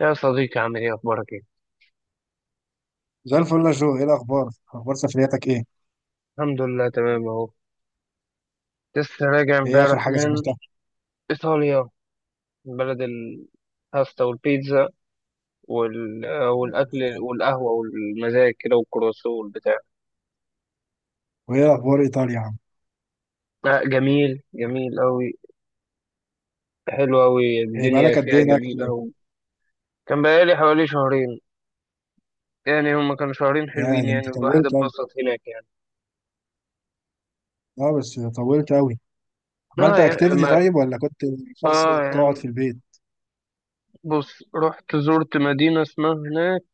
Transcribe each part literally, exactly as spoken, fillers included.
يا صديقي، عامل ايه؟ اخبارك ايه؟ زي الفل يا جو، ايه الاخبار؟ اخبار سفرياتك ايه؟ الحمد لله، تمام اهو. لسه راجع ايه اخر امبارح حاجه من سافرتها؟ ايطاليا، من بلد الباستا والبيتزا وال... آه، والاكل والقهوه والمزاج كده والكروسو والبتاع. وايه اخبار ايطاليا يا عم؟ لا، جميل جميل قوي. حلو قوي، إيه الدنيا بقالك قد فيها ايه هناك جميل طيب؟ قوي. كان بقالي حوالي شهرين. يعني هما كانوا شهرين يا حلوين ده يعني، انت والواحد طولت قوي. اتبسط هناك يعني. اه بس طولت قوي. اه عملت يعني اكتيفيتي ما... طيب ولا كنت شخص اه بتقعد في يعني، البيت؟ بص، رحت زرت مدينه اسمها هناك،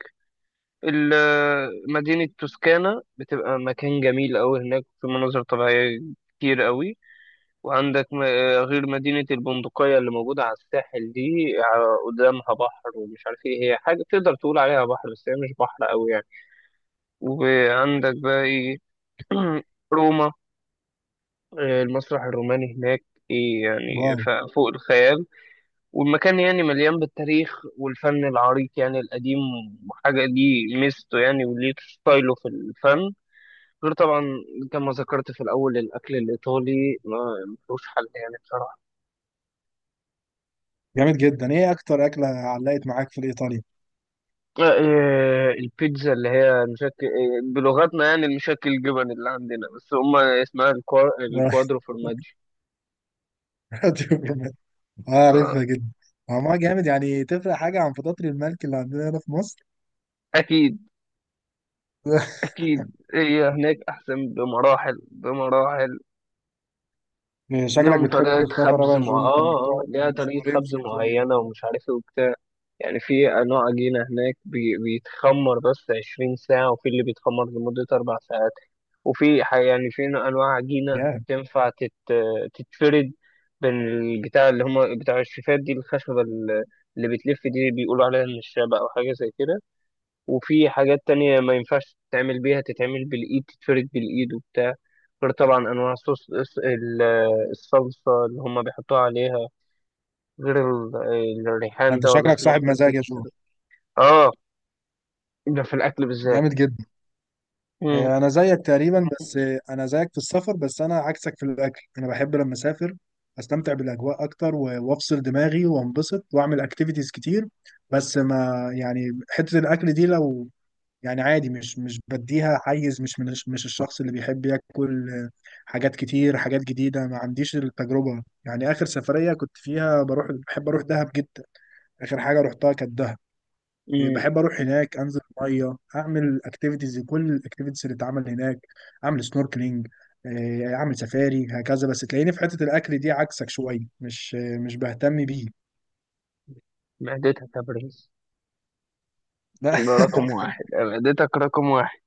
ال- مدينة توسكانا، بتبقى مكان جميل أوي هناك، في مناظر طبيعية كتير أوي. وعندك م- آه، غير مدينة البندقية اللي موجودة على الساحل دي، ع- قدامها بحر، ومش عارف ايه هي، حاجة تقدر تقول عليها بحر بس هي مش بحر أوي يعني. وعندك بقى ايه. روما. آه، المسرح الروماني هناك ايه يعني، واو. ف- فوق الخيال. والمكان يعني مليان بالتاريخ والفن العريق، يعني القديم. وحاجة دي ميزته يعني، وليه ستايله في الفن. غير طبعا، كما ذكرت في الأول، الأكل الإيطالي ما ملوش حل يعني بصراحة. جامد جدا، ايه اكتر اكله علقت معاك في ايطاليا؟ آه، آه، البيتزا اللي هي مشكل، آه، بلغتنا يعني المشكل الجبن اللي عندنا، بس هما اسمها الكوا- الكوادرو فورماجي. اه عارفها آه، جدا. آه، ما جامد يعني، تفرق حاجه عن فطاطري الملك اللي عندنا هنا في مصر؟ أكيد أكيد، هي هناك أحسن بمراحل بمراحل. شكلك ليهم بتحب طريقة السفر أوي خبز يا مع جو، انت انك آه آه، تقعد ليها طريقة شهرين خبز في ايطاليا. معينة ومش عارف إيه وبتاع. يعني في نوع عجينة هناك بي- بيتخمر بس 20 ساعة، وفي اللي بيتخمر لمدة أربع ساعات. وفي ح- يعني في نوع- أنواع عجينة يا تنفع تت... تتفرد بين البتاع اللي هما بتاع الشيفات دي، الخشبة ال- اللي بتلف دي بيقولوا عليها النشابة أو حاجة زي كده. وفي حاجات تانية ما ينفعش تتعمل بيها، تتعمل بالإيد، تتفرد بالإيد وبتاع. غير طبعا أنواع صوص الص- ال- الصلصة اللي هما بيحطوها عليها. غير ال- الريحان انت ده ولا شكلك اسمه، صاحب غير مزاج يا جو. زيت- اه، ده في الأكل بالذات. جامد جدا. مم. هي انا زيك تقريبا، بس آه، انا زيك في السفر بس انا عكسك في الاكل. انا بحب لما اسافر استمتع بالاجواء اكتر و- وافصل دماغي وانبسط واعمل اكتيفيتيز كتير. بس ما يعني حتة الاكل دي لو يعني عادي، مش مش بديها حيز، مش من مش الشخص اللي بيحب ياكل آه، حاجات كتير، حاجات جديدة. ما عنديش التجربة يعني. اخر سفرية كنت فيها بروح، بحب اروح دهب جدا. اخر حاجة رحتها كانت دهب. إيه، مم. بحب اروح هناك انزل الميه، اعمل اكتيفيتيز، كل الاكتيفيتيز اللي اتعمل هناك، اعمل سنوركلينج، اعمل سفاري هكذا. بس تلاقيني في حته الاكل دي عكسك شويه، مش مش بهتم بيه. معدتك يا برنس، لا ده رقم واحد، معدتك رقم واحد.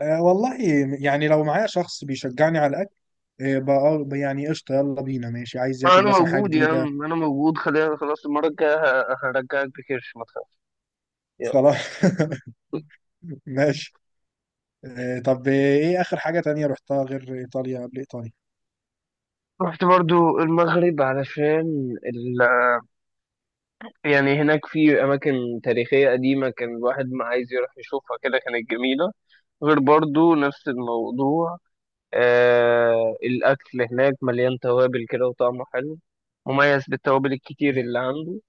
آه، والله. يعني لو معايا شخص بيشجعني على الاكل آه، بقى بقى يعني قشطه، يلا بينا ماشي، عايز أنا ياكل مثلا حاجه موجود يا جديده. عم، أنا موجود، خلينا، خلاص، المرة الجاية ه- هرجعك بكرش ما تخافش. يلا. خلاص ماشي. آه، طب ايه اخر حاجه تانية رحتها غير ايطاليا قبل ايطاليا؟ رحت برضو المغرب علشان ال... يعني هناك في أماكن تاريخية قديمة، كان الواحد ما عايز يروح يشوفها كده، كانت جميلة. غير برضو نفس الموضوع، آه الأكل هناك مليان توابل كده وطعمه حلو، مميز بالتوابل الكتير اللي جامد. عنده.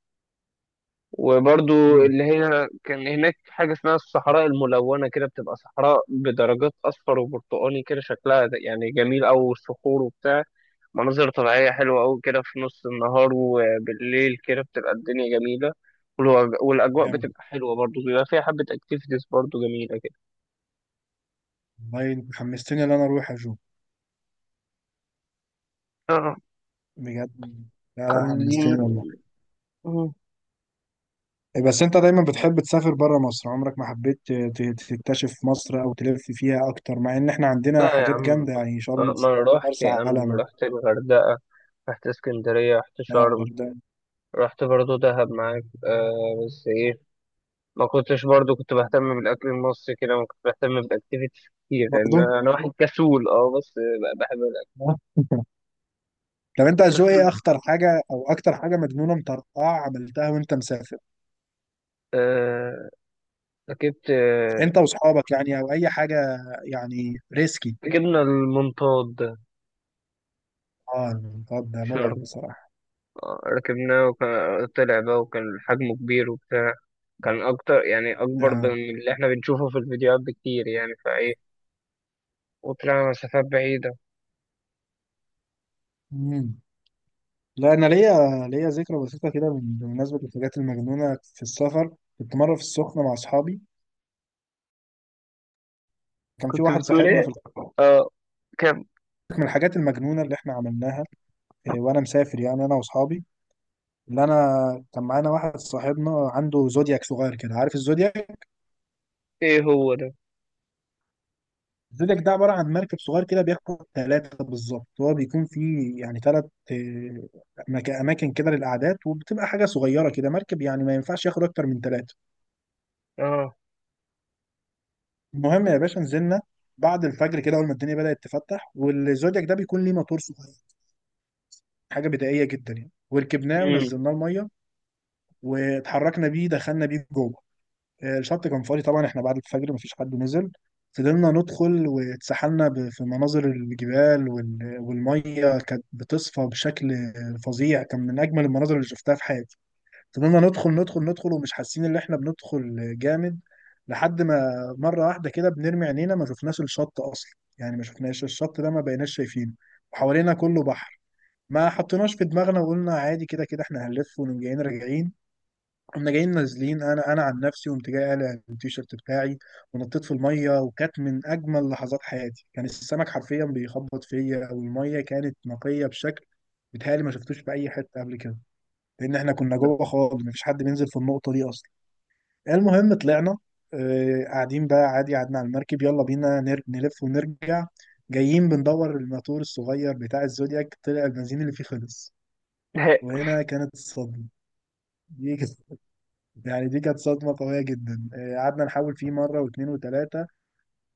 وبرضو مم، اللي هي كان هناك حاجة اسمها الصحراء الملونة كده، بتبقى صحراء بدرجات أصفر وبرتقاني كده، شكلها ده- يعني جميل أوي، والصخور وبتاع. مناظر طبيعية حلوة أوي كده في نص النهار، وبالليل كده بتبقى الدنيا جميلة. والوج- والأجواء جامد بتبقى حلوة برضو، بيبقى فيها حبة أكتيفيتيز برضو جميلة كده. والله، انت حمستني ان انا اروح يا جو. آه، بجد. لا لا خلينا. حمستني والله. مم. إيه، بس انت دايما بتحب تسافر بره مصر، عمرك ما حبيت ت- ت- تكتشف مصر او تلف فيها اكتر، مع ان احنا عندنا لا يا حاجات عم، جامده يعني شرم آه، ما الشيخ، أنا رحت مرسى يا عم، علم، رحت الغردقة، رحت اسكندرية، رحت آه، شرم، الغردقه. رحت برضو دهب معاك. آه، بس إيه، ما كنتش برضو كنت بهتم بالاكل المصري كده، ما كنت بهتم بالاكتيفيتيز كتير، لان برضه انا واحد كسول، اه، بس ب- بحب الاكل. آه. طب انت جو، ايه كسول. اخطر حاجه او اكتر حاجه مجنونه مطرقعه عملتها وانت مسافر؟ آه، ركبت، آه انت واصحابك يعني، او اي حاجه يعني ريسكي. ركبنا المنطاد ده اه الخط ده في مرعب شرم. بصراحه. آه، ركبناه وكان طلع بقى، وكان حجمه كبير وبتاع. كان اكتر، يعني ده. اكبر من اللي احنا بنشوفه في الفيديوهات بكتير يعني، فايه. وطلعنا مسافات بعيدة. مم. لا انا ليا، ليا ذكرى بسيطه كده من- بمناسبه الحاجات المجنونه في السفر. كنت مره في السخنه مع اصحابي. كان في كنت واحد بتقول صاحبنا ايه؟ في الخ- اه. كم؟ من الحاجات المجنونه اللي احنا عملناها إيه، وانا مسافر، يعني انا واصحابي اللي انا كان معانا واحد صاحبنا عنده زودياك صغير كده، عارف الزودياك؟ ايه هو ده؟ الزودياك ده عباره عن مركب صغير كده، بياخد ثلاثه بالظبط. هو بيكون فيه يعني ثلاث اماكن كده للقعدات، وبتبقى حاجه صغيره كده مركب، يعني ما ينفعش ياخد اكتر من ثلاثه. اه. المهم يا باشا نزلنا بعد الفجر كده، اول ما الدنيا بدأت تفتح، والزودياك ده بيكون ليه موتور صغير، حاجه بدائيه جدا يعني. وركبناه امم. ونزلناه الميه واتحركنا بيه، دخلنا بيه جوه. آه، الشط كان فاضي طبعا، احنا بعد الفجر مفيش حد نزل. فضلنا ندخل واتسحلنا ب- في مناظر الجبال وال- والميه كانت بتصفى بشكل آه، فظيع، كان من اجمل المناظر اللي شفتها في حياتي. فضلنا ندخل ندخل ندخل ومش حاسين ان احنا بندخل جامد، لحد ما مره واحده كده بنرمي عينينا ما شفناش الشط اصلا. يعني ما شفناش الشط ده، ما بقيناش شايفينه، وحوالينا كله بحر. ما حطيناش في دماغنا وقلنا عادي، كده كده احنا هنلف ونقوم جايين راجعين. قمنا جايين نازلين، انا انا عن نفسي قمت جاي قالع التيشيرت بتاعي ونطيت في الميه، وكانت من اجمل لحظات حياتي. كان السمك حرفيا بيخبط فيا، والميه كانت نقيه بشكل بيتهيألي ما شفتوش في اي حته قبل كده، لان احنا كنا لا. جوه خالص، مفيش حد بينزل في النقطه دي اصلا. المهم طلعنا، آه، قاعدين بقى عادي، قعدنا على المركب، يلا بينا نر- نلف ونرجع. جايين بندور الماتور الصغير بتاع الزودياك، طلع البنزين اللي فيه خلص. وهنا كانت الصدمه. دي كانت- يعني دي كانت صدمه قويه جدا. آه، قعدنا نحاول فيه مره واثنين وثلاثه،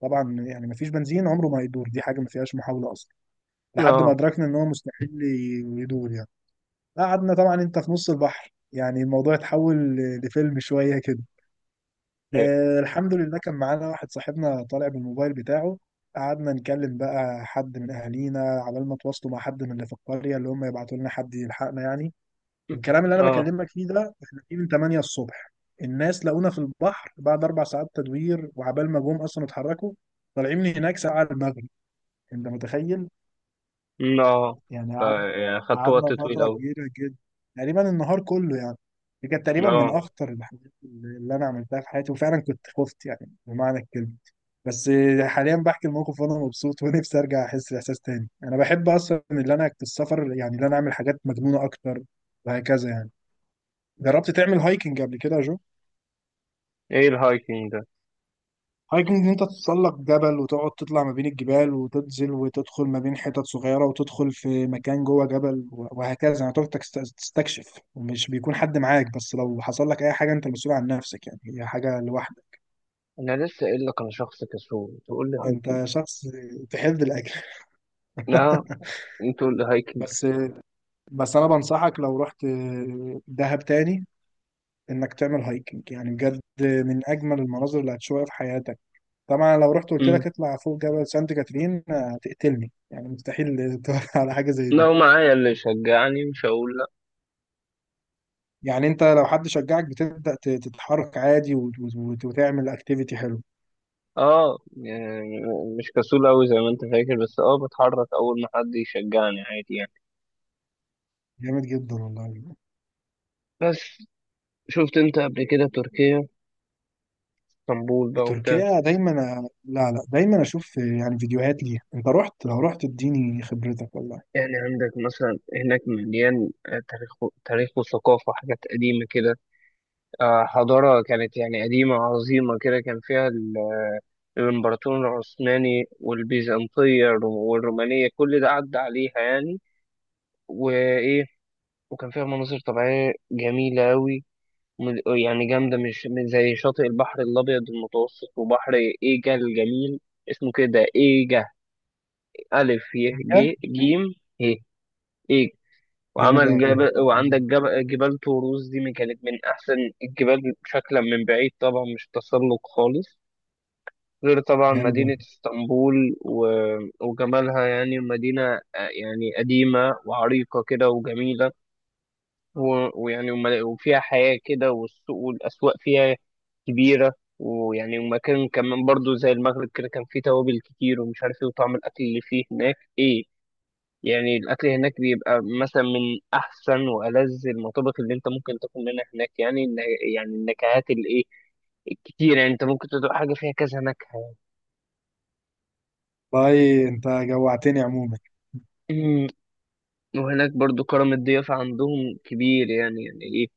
طبعا يعني مفيش بنزين عمره ما يدور، دي حاجه ما فيهاش محاوله اصلا، لحد ما اه. ادركنا ان هو مستحيل ي- يدور يعني. قعدنا طبعا، انت في نص البحر يعني، الموضوع اتحول ل- لفيلم شويه كده. لا. آه الحمد لله كان معانا واحد صاحبنا طالع بالموبايل بتاعه. قعدنا نكلم بقى حد من اهالينا عبال ما تواصلوا مع حد من اللي في القريه، اللي هم يبعتوا لنا حد يلحقنا يعني. الكلام اللي انا اه. بكلمك فيه ده احنا فيه من تمانية الصبح، الناس لقونا في البحر بعد اربع ساعات تدوير، وعبال ما جم اصلا اتحركوا، طالعين من هناك ساعه المغرب. انت متخيل؟ مم، اه. يعني ف- قعد، يعني خدت قعدنا وقت طويل فترة أوي. كبيرة جدا، تقريبا النهار كله يعني. دي كانت تقريبا من اه. أخطر الحاجات اللي اللي أنا عملتها في حياتي، وفعلا كنت خفت يعني بمعنى الكلمة. بس حاليا بحكي الموقف وأنا مبسوط ونفسي أرجع أحس الإحساس تاني. أنا بحب أصلا، اللي أنا في السفر يعني اللي أنا أعمل حاجات مجنونة أكتر وهكذا يعني. جربت تعمل هايكنج قبل كده يا جو؟ ايه الهايكنج ده؟ هايكنج ان انت تتسلق جبل وتقعد تطلع ما بين الجبال وتنزل وتدخل ما بين حتت صغيره وتدخل في مكان جوه جبل و- وهكذا، يعني تقعد تكست- تستكشف، ومش بيكون حد معاك، بس لو حصل لك اي حاجه انت مسؤول عن نفسك يعني، هي حاجه لوحدك. انا لسه قايل لك انا شخص كسول، تقول لي انت هايكنج. شخص تحب الاكل لا، انت تقول لي هايكنج. بس بس انا بنصحك لو رحت دهب تاني انك تعمل هايكنج، يعني بجد من اجمل المناظر اللي هتشوفها في حياتك. طبعا لو رحت قلت مم. لك اطلع فوق جبل سانت كاترين آه، هتقتلني يعني، مستحيل تقول على حاجه زي دي. لو معايا اللي يشجعني مش هقول لا. يعني انت لو حد شجعك بتبدا ت- تتحرك عادي وت- وت- وتعمل اكتيفيتي حلو. اه يعني، مش كسول أوي زي ما انت فاكر، بس اه بتحرك اول ما حد يشجعني عادي يعني. جامد جدا والله. بس، شفت انت قبل كده تركيا، اسطنبول بقى وبتاع؟ تركيا دايما. لا لا دايما اشوف يعني فيديوهات ليها. انت رحت، لو رحت اديني خبرتك والله. يعني عندك مثلا هناك مليان آه، تاريخ، تاريخ وثقافة، حاجات قديمة كده. آه، حضارة كانت يعني قديمة عظيمة كده، كان فيها ال- الإمبراطور العثماني والبيزنطية والرومانية، كل ده عدى عليها يعني. وإيه، وكان فيها مناظر طبيعية جميلة أوي، من- يعني جامدة، مش من زي شاطئ البحر الأبيض المتوسط، وبحر إيجا الجميل. اسمه كده إيجا، ألف ي ج إيه؟ جيم ه، إيجا. جامد وعمل قوي. جبل، وعندك جبل، جبال طوروس دي من- كانت من أحسن الجبال شكلا من بعيد، طبعا مش تسلق خالص. غير طبعا جامد قوي. مدينة اسطنبول و- وجمالها، يعني مدينة آه، يعني قديمة وعريقة كده وجميلة، و- ويعني وم- وفيها حياة كده، والسوق والأسواق فيها كبيرة. ويعني، ومكان كمان برضو زي المغرب كده، كان فيه توابل كتير ومش عارف ايه، وطعم الأكل اللي فيه هناك ايه. يعني الأكل هناك بيبقى مثلا من أحسن وألذ المطابخ اللي أنت ممكن تاكل منها هناك. يعني الن- يعني النكهات الإيه، الكتير، يعني أنت ممكن تدوق حاجة فيها كذا نكهة. والله انت جوعتني عموما. وهناك برضو كرم الضيافة عندهم كبير، يعني يعني ايه،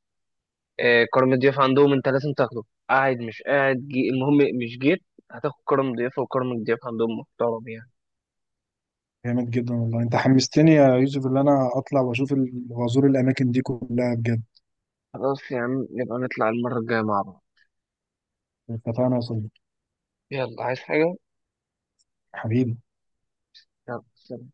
آه، كرم الضيافة عندهم انت لازم تاخده، قاعد مش قاعد، جي، المهم، مش جيت، هتاخد كرم ضيافة، وكرم الضيافة عندهم محترم يعني. جامد جدا والله، انت حمستني يا يوسف ان انا اطلع واشوف ال- وازور الاماكن دي كلها بجد. خلاص يا عم، نبقى نطلع المرة الجاية مع بعض. اتفقنا يا صديقي. يلا، عايز حاجة؟ حبيبي. يلا، سلام.